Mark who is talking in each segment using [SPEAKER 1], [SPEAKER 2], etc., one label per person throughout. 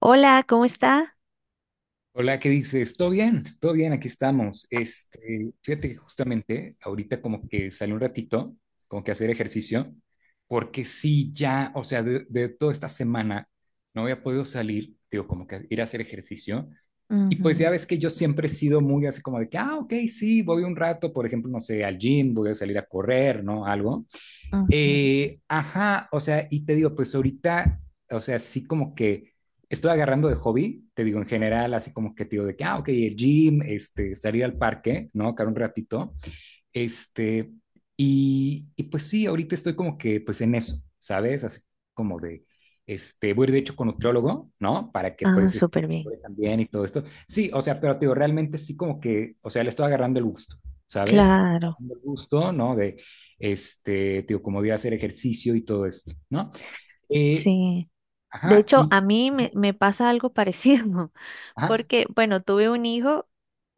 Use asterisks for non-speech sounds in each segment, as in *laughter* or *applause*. [SPEAKER 1] Hola, ¿cómo está?
[SPEAKER 2] Hola, ¿qué dices? ¿Todo bien? Todo bien, aquí estamos. Este, fíjate que justamente ahorita como que salí un ratito, como que a hacer ejercicio, porque sí, ya, o sea, de toda esta semana no había podido salir, digo, como que ir a hacer ejercicio. Y pues ya
[SPEAKER 1] Ujú,
[SPEAKER 2] ves que yo siempre he sido muy así como de que, ah, ok, sí, voy un rato, por ejemplo, no sé, al gym, voy a salir a correr, ¿no? Algo.
[SPEAKER 1] ujú.
[SPEAKER 2] Ajá, o sea, y te digo, pues ahorita, o sea, sí como que estoy agarrando de hobby, te digo en general, así como que te digo de que, ah, ok, el gym, este, salir al parque, ¿no? Car un ratito, este, y, pues sí, ahorita estoy como que pues en eso, ¿sabes? Así como de, este, voy a ir de hecho con nutriólogo, ¿no? Para que
[SPEAKER 1] Ah,
[SPEAKER 2] pues este,
[SPEAKER 1] súper bien.
[SPEAKER 2] mejore también y todo esto. Sí, o sea, pero te digo, realmente sí como que, o sea, le estoy agarrando el gusto, ¿sabes?
[SPEAKER 1] Claro,
[SPEAKER 2] Agarrando el gusto, ¿no? De, este, te digo, como de hacer ejercicio y todo esto, ¿no? Eh,
[SPEAKER 1] sí. De
[SPEAKER 2] ajá,
[SPEAKER 1] hecho,
[SPEAKER 2] y,
[SPEAKER 1] a mí me pasa algo parecido, *laughs*
[SPEAKER 2] ajá,
[SPEAKER 1] porque, bueno, tuve un hijo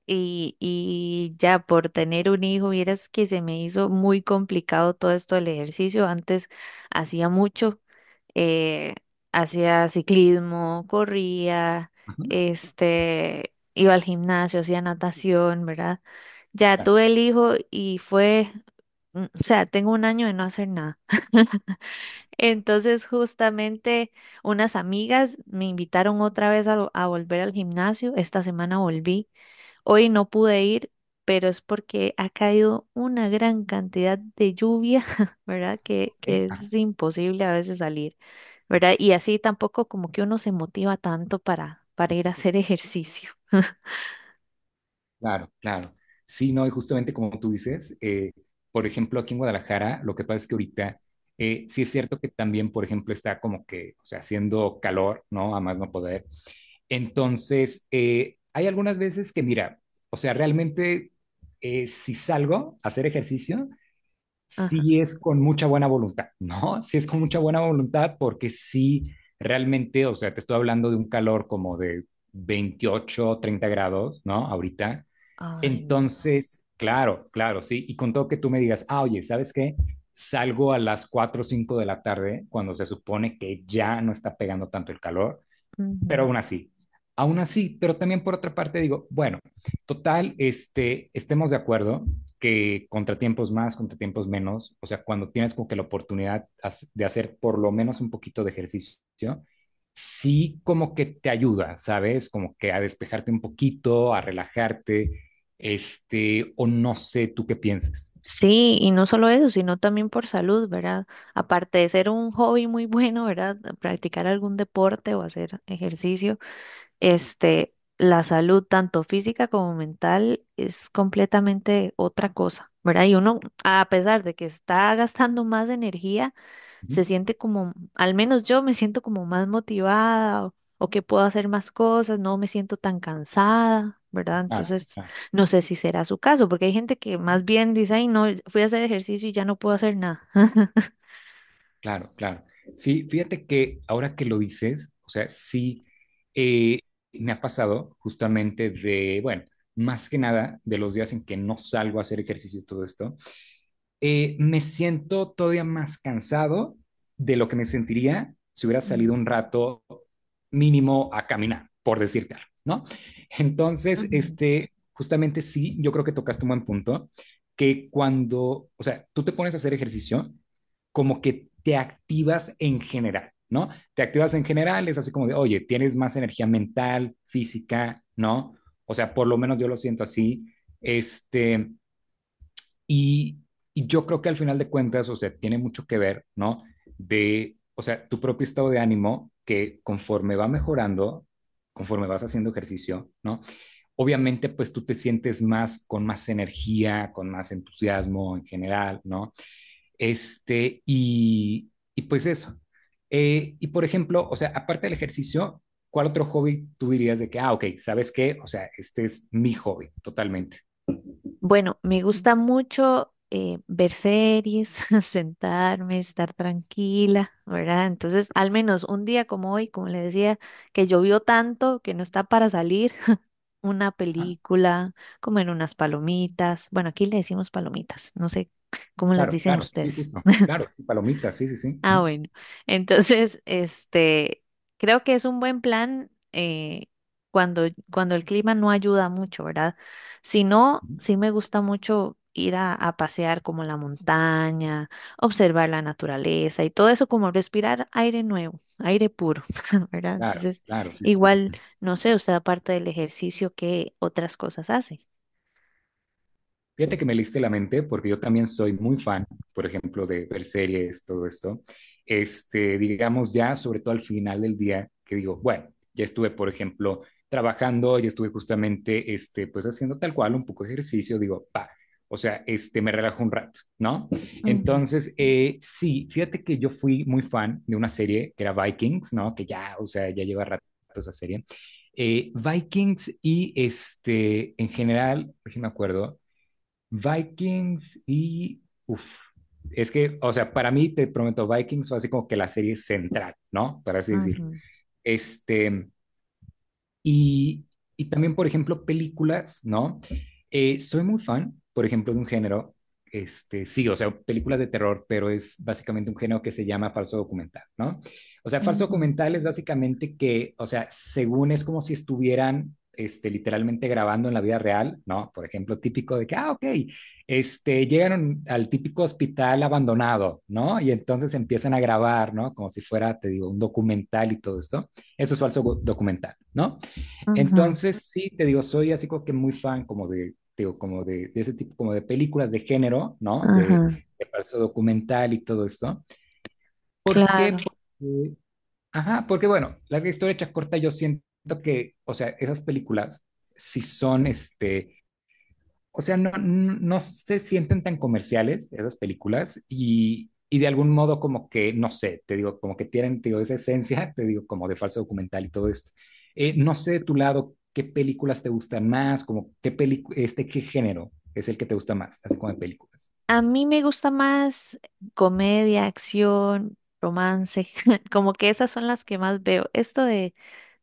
[SPEAKER 1] y ya por tener un hijo, vieras que se me hizo muy complicado todo esto del ejercicio. Antes hacía mucho. eh, Hacía ciclismo, corría,
[SPEAKER 2] ajá,
[SPEAKER 1] este, iba al gimnasio, hacía natación, ¿verdad? Ya
[SPEAKER 2] claro,
[SPEAKER 1] tuve el hijo y fue, o sea, tengo un año de no hacer nada. Entonces, justamente unas amigas me invitaron otra vez a volver al gimnasio. Esta semana volví. Hoy no pude ir, pero es porque ha caído una gran cantidad de lluvia, *laughs* ¿verdad? Que,
[SPEAKER 2] ok,
[SPEAKER 1] que es
[SPEAKER 2] ajá.
[SPEAKER 1] imposible a veces salir, ¿verdad? Y así tampoco como que uno se motiva tanto para ir a hacer *laughs* ejercicio.
[SPEAKER 2] Claro, claro. Sí, no, y justamente como tú dices, por ejemplo, aquí en Guadalajara, lo que pasa es que ahorita sí es cierto que también, por ejemplo, está como que, o sea, haciendo calor, ¿no? A más no poder. Entonces, hay algunas veces que, mira, o sea, realmente si salgo a hacer ejercicio,
[SPEAKER 1] Ajá.
[SPEAKER 2] sí es con mucha buena voluntad, ¿no? *laughs* Sí es con mucha buena voluntad porque sí, realmente, o sea, te estoy hablando de un calor como de 28, 30 grados, ¿no? Ahorita
[SPEAKER 1] Ay, no.
[SPEAKER 2] entonces, claro, claro, sí. Y con todo que tú me digas, ah, oye, ¿sabes qué? Salgo a las 4 o 5 de la tarde, cuando se supone que ya no está pegando tanto el calor, pero
[SPEAKER 1] Ujú.
[SPEAKER 2] aún así. Aún así, pero también por otra parte digo, bueno, total, este, estemos de acuerdo que contratiempos más, contratiempos menos, o sea, cuando tienes como que la oportunidad de hacer por lo menos un poquito de ejercicio, sí como que te ayuda, ¿sabes? Como que a despejarte un poquito, a relajarte, este, o no sé, tú qué pienses.
[SPEAKER 1] Sí, y no solo eso, sino también por salud, ¿verdad? Aparte de ser un hobby muy *laughs* bueno, ¿verdad? Practicar algún deporte o hacer ejercicio, este, la salud, tanto física como mental, es completamente otra cosa, ¿verdad? Y uno, a pesar de que está gastando más energía, se siente como, al menos yo me siento como más motivada o que puedo hacer más cosas, no me siento tan cansada. ¿Verdad?
[SPEAKER 2] Ah,
[SPEAKER 1] Entonces,
[SPEAKER 2] ah.
[SPEAKER 1] no sé si será su caso, porque hay gente que más bien dice, ay, no, fui a hacer ejercicio y ya no puedo hacer nada.
[SPEAKER 2] Claro, claro. Sí, fíjate que ahora que lo dices, o sea, sí, eh, me ha pasado justamente de, bueno, más que nada de los días en que no salgo a hacer ejercicio y todo esto, me siento todavía más cansado de lo que me sentiría si hubiera salido un rato mínimo a caminar, por decirte algo, ¿no?
[SPEAKER 1] *laughs*
[SPEAKER 2] Entonces,
[SPEAKER 1] Ujú.
[SPEAKER 2] este, justamente sí, yo creo que tocaste un buen punto, que cuando, o sea, tú te pones a hacer ejercicio, como que te activas en general, ¿no? Te activas en general, es así como de, oye, tienes más energía mental, física, ¿no? O sea, por lo menos yo lo siento así, este, y, yo creo que al final de cuentas, o sea, tiene mucho que ver, ¿no? De, o sea, tu propio estado de ánimo que conforme va mejorando, conforme vas haciendo ejercicio, ¿no? Obviamente, pues tú te sientes más, con más energía, con más entusiasmo en general, ¿no? Este, y, pues eso. Y por ejemplo, o sea, aparte del ejercicio, ¿cuál otro hobby tú dirías de que, ah, ok, ¿sabes qué? O sea, este es mi hobby, totalmente.
[SPEAKER 1] Bueno, me gusta mucho, ver series, *laughs* sentarme, estar tranquila, ¿verdad? Entonces, al menos un día como hoy, como le decía, que llovió tanto que no está para salir, *laughs* una
[SPEAKER 2] Ajá.
[SPEAKER 1] película, comer unas palomitas. Bueno, aquí le decimos palomitas, no sé cómo les
[SPEAKER 2] Claro,
[SPEAKER 1] dicen
[SPEAKER 2] claro, sí,
[SPEAKER 1] ustedes.
[SPEAKER 2] justo. Claro, sí, palomitas, sí, sí, sí.
[SPEAKER 1] Ah,
[SPEAKER 2] Ujú,
[SPEAKER 1] bueno. Entonces, este, creo que es un buen plan, cuando, cuando el clima no ayuda mucho, ¿verdad? Si no,
[SPEAKER 2] ujú.
[SPEAKER 1] sí me gusta mucho ir a pasear como la montaña, observar la naturaleza y todo eso, como respirar aire nuevo, aire puro, *laughs* ¿verdad?
[SPEAKER 2] Claro,
[SPEAKER 1] Entonces,
[SPEAKER 2] claro, sí, sí,
[SPEAKER 1] igual,
[SPEAKER 2] sí.
[SPEAKER 1] no sé, usted aparte del ejercicio, ¿qué otras cosas hace?
[SPEAKER 2] Fíjate que me leíste la mente porque yo también soy muy fan, por ejemplo, de ver series, todo esto. Este, digamos ya, sobre todo al final del día, que digo, bueno, ya estuve, por ejemplo, trabajando, ya estuve justamente, este, pues haciendo tal cual un poco de ejercicio, digo, pa, o sea, este, me relajo un rato, ¿no?
[SPEAKER 1] Ujú,
[SPEAKER 2] Entonces, sí, fíjate que yo fui muy fan de una serie que era Vikings, ¿no? Que ya, o sea, ya lleva rato esa serie. Vikings y este, en general, no me acuerdo, Vikings y... Uf, es que, o sea, para mí, te prometo, Vikings fue así como que la serie central, ¿no? Para así decir.
[SPEAKER 1] ujú,
[SPEAKER 2] Este, y, también, por ejemplo, películas, ¿no? Soy muy fan, por ejemplo, de un género, este, sí, o sea, películas de terror, pero es básicamente un género que se llama falso documental, ¿no? O sea, falso
[SPEAKER 1] ujú.
[SPEAKER 2] documental es básicamente que, o sea, según es como si estuvieran, este, literalmente grabando en la vida real, ¿no? Por ejemplo, típico de que, ah, ok, este, llegaron al típico hospital abandonado, ¿no? Y entonces empiezan a grabar, ¿no? Como si fuera, te digo, un documental y todo esto. Eso es falso documental, ¿no?
[SPEAKER 1] Ujú,
[SPEAKER 2] Entonces, sí, te digo, soy así como que muy fan como de, te digo, como de ese tipo, como de películas de género, ¿no?
[SPEAKER 1] ujú,
[SPEAKER 2] De falso documental y todo esto. ¿Por qué?
[SPEAKER 1] claro.
[SPEAKER 2] Porque, ajá, porque bueno, larga historia hecha corta, yo siento que, o sea, esas películas, si son, este, o sea, no, se sienten tan comerciales esas películas y, de algún modo como que, no sé, te digo, como que tienen, te digo, esa esencia, *laughs* te digo, como de falso documental y todo esto. No sé de tu lado qué películas te gustan más, como qué película, este, qué género es el que te gusta más, así como de películas.
[SPEAKER 1] A mí me gusta más comedia, acción, romance, *laughs* como que esas son las que más veo. Esto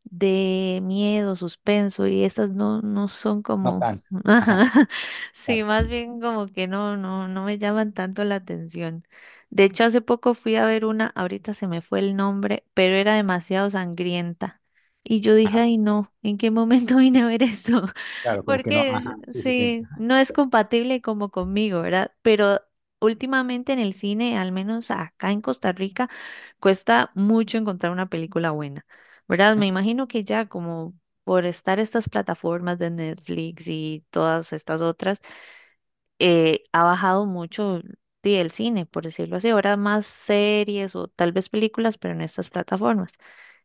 [SPEAKER 1] de miedo, suspenso y estas no, no son
[SPEAKER 2] No
[SPEAKER 1] como,
[SPEAKER 2] tanto.
[SPEAKER 1] *laughs*
[SPEAKER 2] Ajá,
[SPEAKER 1] ajá, sí,
[SPEAKER 2] claro.
[SPEAKER 1] más bien como que no, no, no me llaman tanto la atención. De hecho, hace poco fui a ver una, ahorita se me fue el nombre, pero era demasiado sangrienta. Y yo dije,
[SPEAKER 2] Ajá,
[SPEAKER 1] ay no, ¿en qué momento *laughs* vine a ver esto?
[SPEAKER 2] claro, como que no. Ajá,
[SPEAKER 1] Porque
[SPEAKER 2] sí, sí, sí.
[SPEAKER 1] sí,
[SPEAKER 2] Ajá,
[SPEAKER 1] no es compatible como conmigo, ¿verdad? Pero últimamente en el cine, al menos acá en Costa Rica, cuesta mucho encontrar una película buena, ¿verdad?
[SPEAKER 2] ajá,
[SPEAKER 1] Me imagino que ya como por estar estas plataformas de Netflix y todas estas otras, ha bajado mucho, sí, el cine, por decirlo así. Ahora más series o tal vez películas, pero en estas plataformas.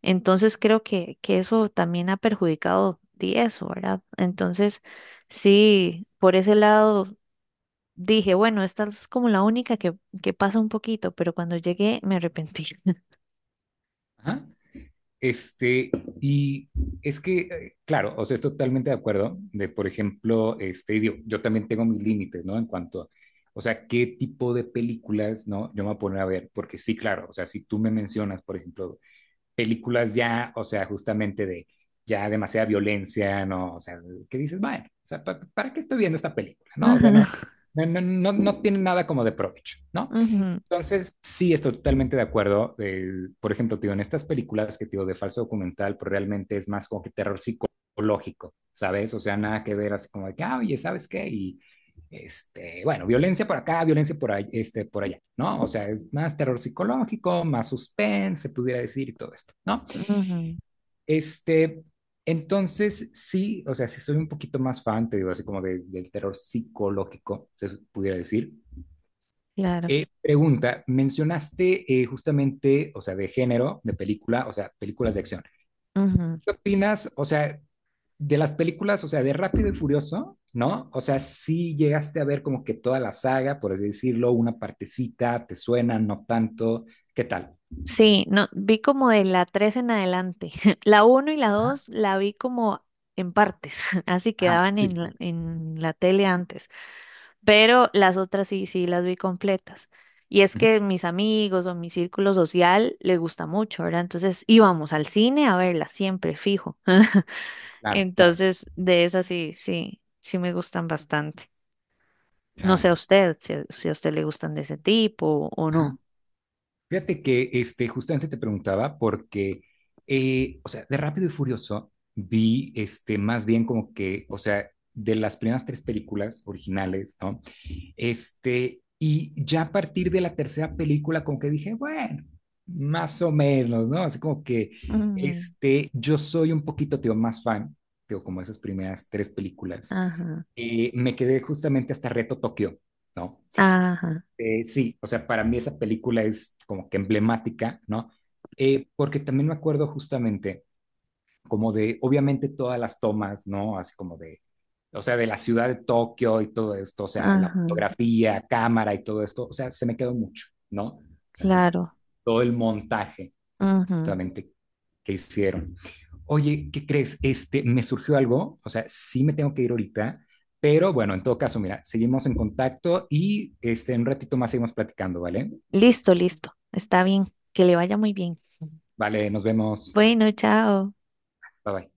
[SPEAKER 1] Entonces creo que eso también ha perjudicado di, eso, ¿verdad? Entonces, sí, por ese lado dije, bueno, esta es como la única que pasa un poquito, pero cuando llegué me arrepentí.
[SPEAKER 2] ajá. Este, y es que, claro, o sea, estoy totalmente de acuerdo de, por ejemplo, este, digo, yo también tengo mis límites, ¿no? En cuanto a, o sea, qué tipo de películas, ¿no? Yo me voy a poner a ver, porque sí, claro, o sea, si tú me mencionas, por ejemplo, películas ya, o sea, justamente de ya demasiada violencia, ¿no? O sea, que dices, bueno, o sea, ¿para qué estoy viendo esta película, no? O sea, no,
[SPEAKER 1] *laughs*
[SPEAKER 2] no, no, no, no tiene nada como de provecho, ¿no?
[SPEAKER 1] Ujú, ujú,
[SPEAKER 2] Entonces, sí, estoy totalmente de acuerdo. Por ejemplo, tío, en estas películas que tío de falso documental, pues realmente es más como que terror psicológico, ¿sabes? O sea, nada que ver así como de que, ah, oye, ¿sabes qué? Y este, bueno, violencia por acá, violencia por, ahí, este, por allá, ¿no? O sea, es más terror psicológico, más suspense, se pudiera decir, y todo esto, ¿no?
[SPEAKER 1] ujú,
[SPEAKER 2] Este, entonces, sí, o sea, sí soy un poquito más fan, te digo, así como del terror psicológico, se pudiera decir.
[SPEAKER 1] claro.
[SPEAKER 2] Pregunta, mencionaste justamente, o sea, de género, de película, o sea, películas de acción.
[SPEAKER 1] Ujú.
[SPEAKER 2] ¿Qué opinas, o sea, de las películas, o sea, de Rápido y Furioso, ¿no? O sea, si llegaste a ver como que toda la saga, por así decirlo, una partecita, te suena, no tanto, ¿qué tal?
[SPEAKER 1] Sí, no, vi como de la 3 en adelante. *laughs* La uno y la
[SPEAKER 2] Ajá,
[SPEAKER 1] dos la vi como en partes, *laughs* así
[SPEAKER 2] ajá,
[SPEAKER 1] quedaban
[SPEAKER 2] sí, sí.
[SPEAKER 1] en la tele antes, pero las otras sí, sí las vi completas. Y es
[SPEAKER 2] Ujú,
[SPEAKER 1] que mis amigos o mi círculo social les gusta mucho, ¿verdad? Entonces íbamos al cine a verla siempre, fijo. *laughs*
[SPEAKER 2] claro, claro,
[SPEAKER 1] Entonces, de esas sí, sí, sí me gustan bastante. No sé
[SPEAKER 2] claro.
[SPEAKER 1] a usted, si, a si a usted le gustan de ese tipo o,
[SPEAKER 2] Ajá.
[SPEAKER 1] no.
[SPEAKER 2] Fíjate que este, justamente te preguntaba porque, o sea, de Rápido y Furioso vi este, más bien como que, o sea, de las primeras tres películas originales, ¿no? Este, y ya a partir de la tercera película como que dije, bueno, más o menos, ¿no? Así como que,
[SPEAKER 1] Ujú.
[SPEAKER 2] este, yo soy un poquito, tío, más fan, tío, como esas primeras tres películas.
[SPEAKER 1] Ajá.
[SPEAKER 2] Me quedé justamente hasta Reto Tokio, ¿no?
[SPEAKER 1] Ajá,
[SPEAKER 2] Sí, o sea, para mí esa película es como que emblemática, ¿no? Porque también me acuerdo justamente como de, obviamente todas las tomas, ¿no? Así como de, o sea, de la ciudad de Tokio y todo esto, o sea, la
[SPEAKER 1] ajá,
[SPEAKER 2] fotografía, cámara y todo esto, o sea, se me quedó mucho, ¿no? O sea, como
[SPEAKER 1] claro.
[SPEAKER 2] todo el montaje
[SPEAKER 1] Ujú.
[SPEAKER 2] justamente que hicieron. Oye, ¿qué crees? Este, me surgió algo, o sea, sí me tengo que ir ahorita, pero bueno, en todo caso, mira, seguimos en contacto y este, en un ratito más seguimos platicando, ¿vale?
[SPEAKER 1] Listo, listo. Está bien. Que le vaya muy bien.
[SPEAKER 2] Vale, nos vemos.
[SPEAKER 1] Bueno, chao.
[SPEAKER 2] Bye bye.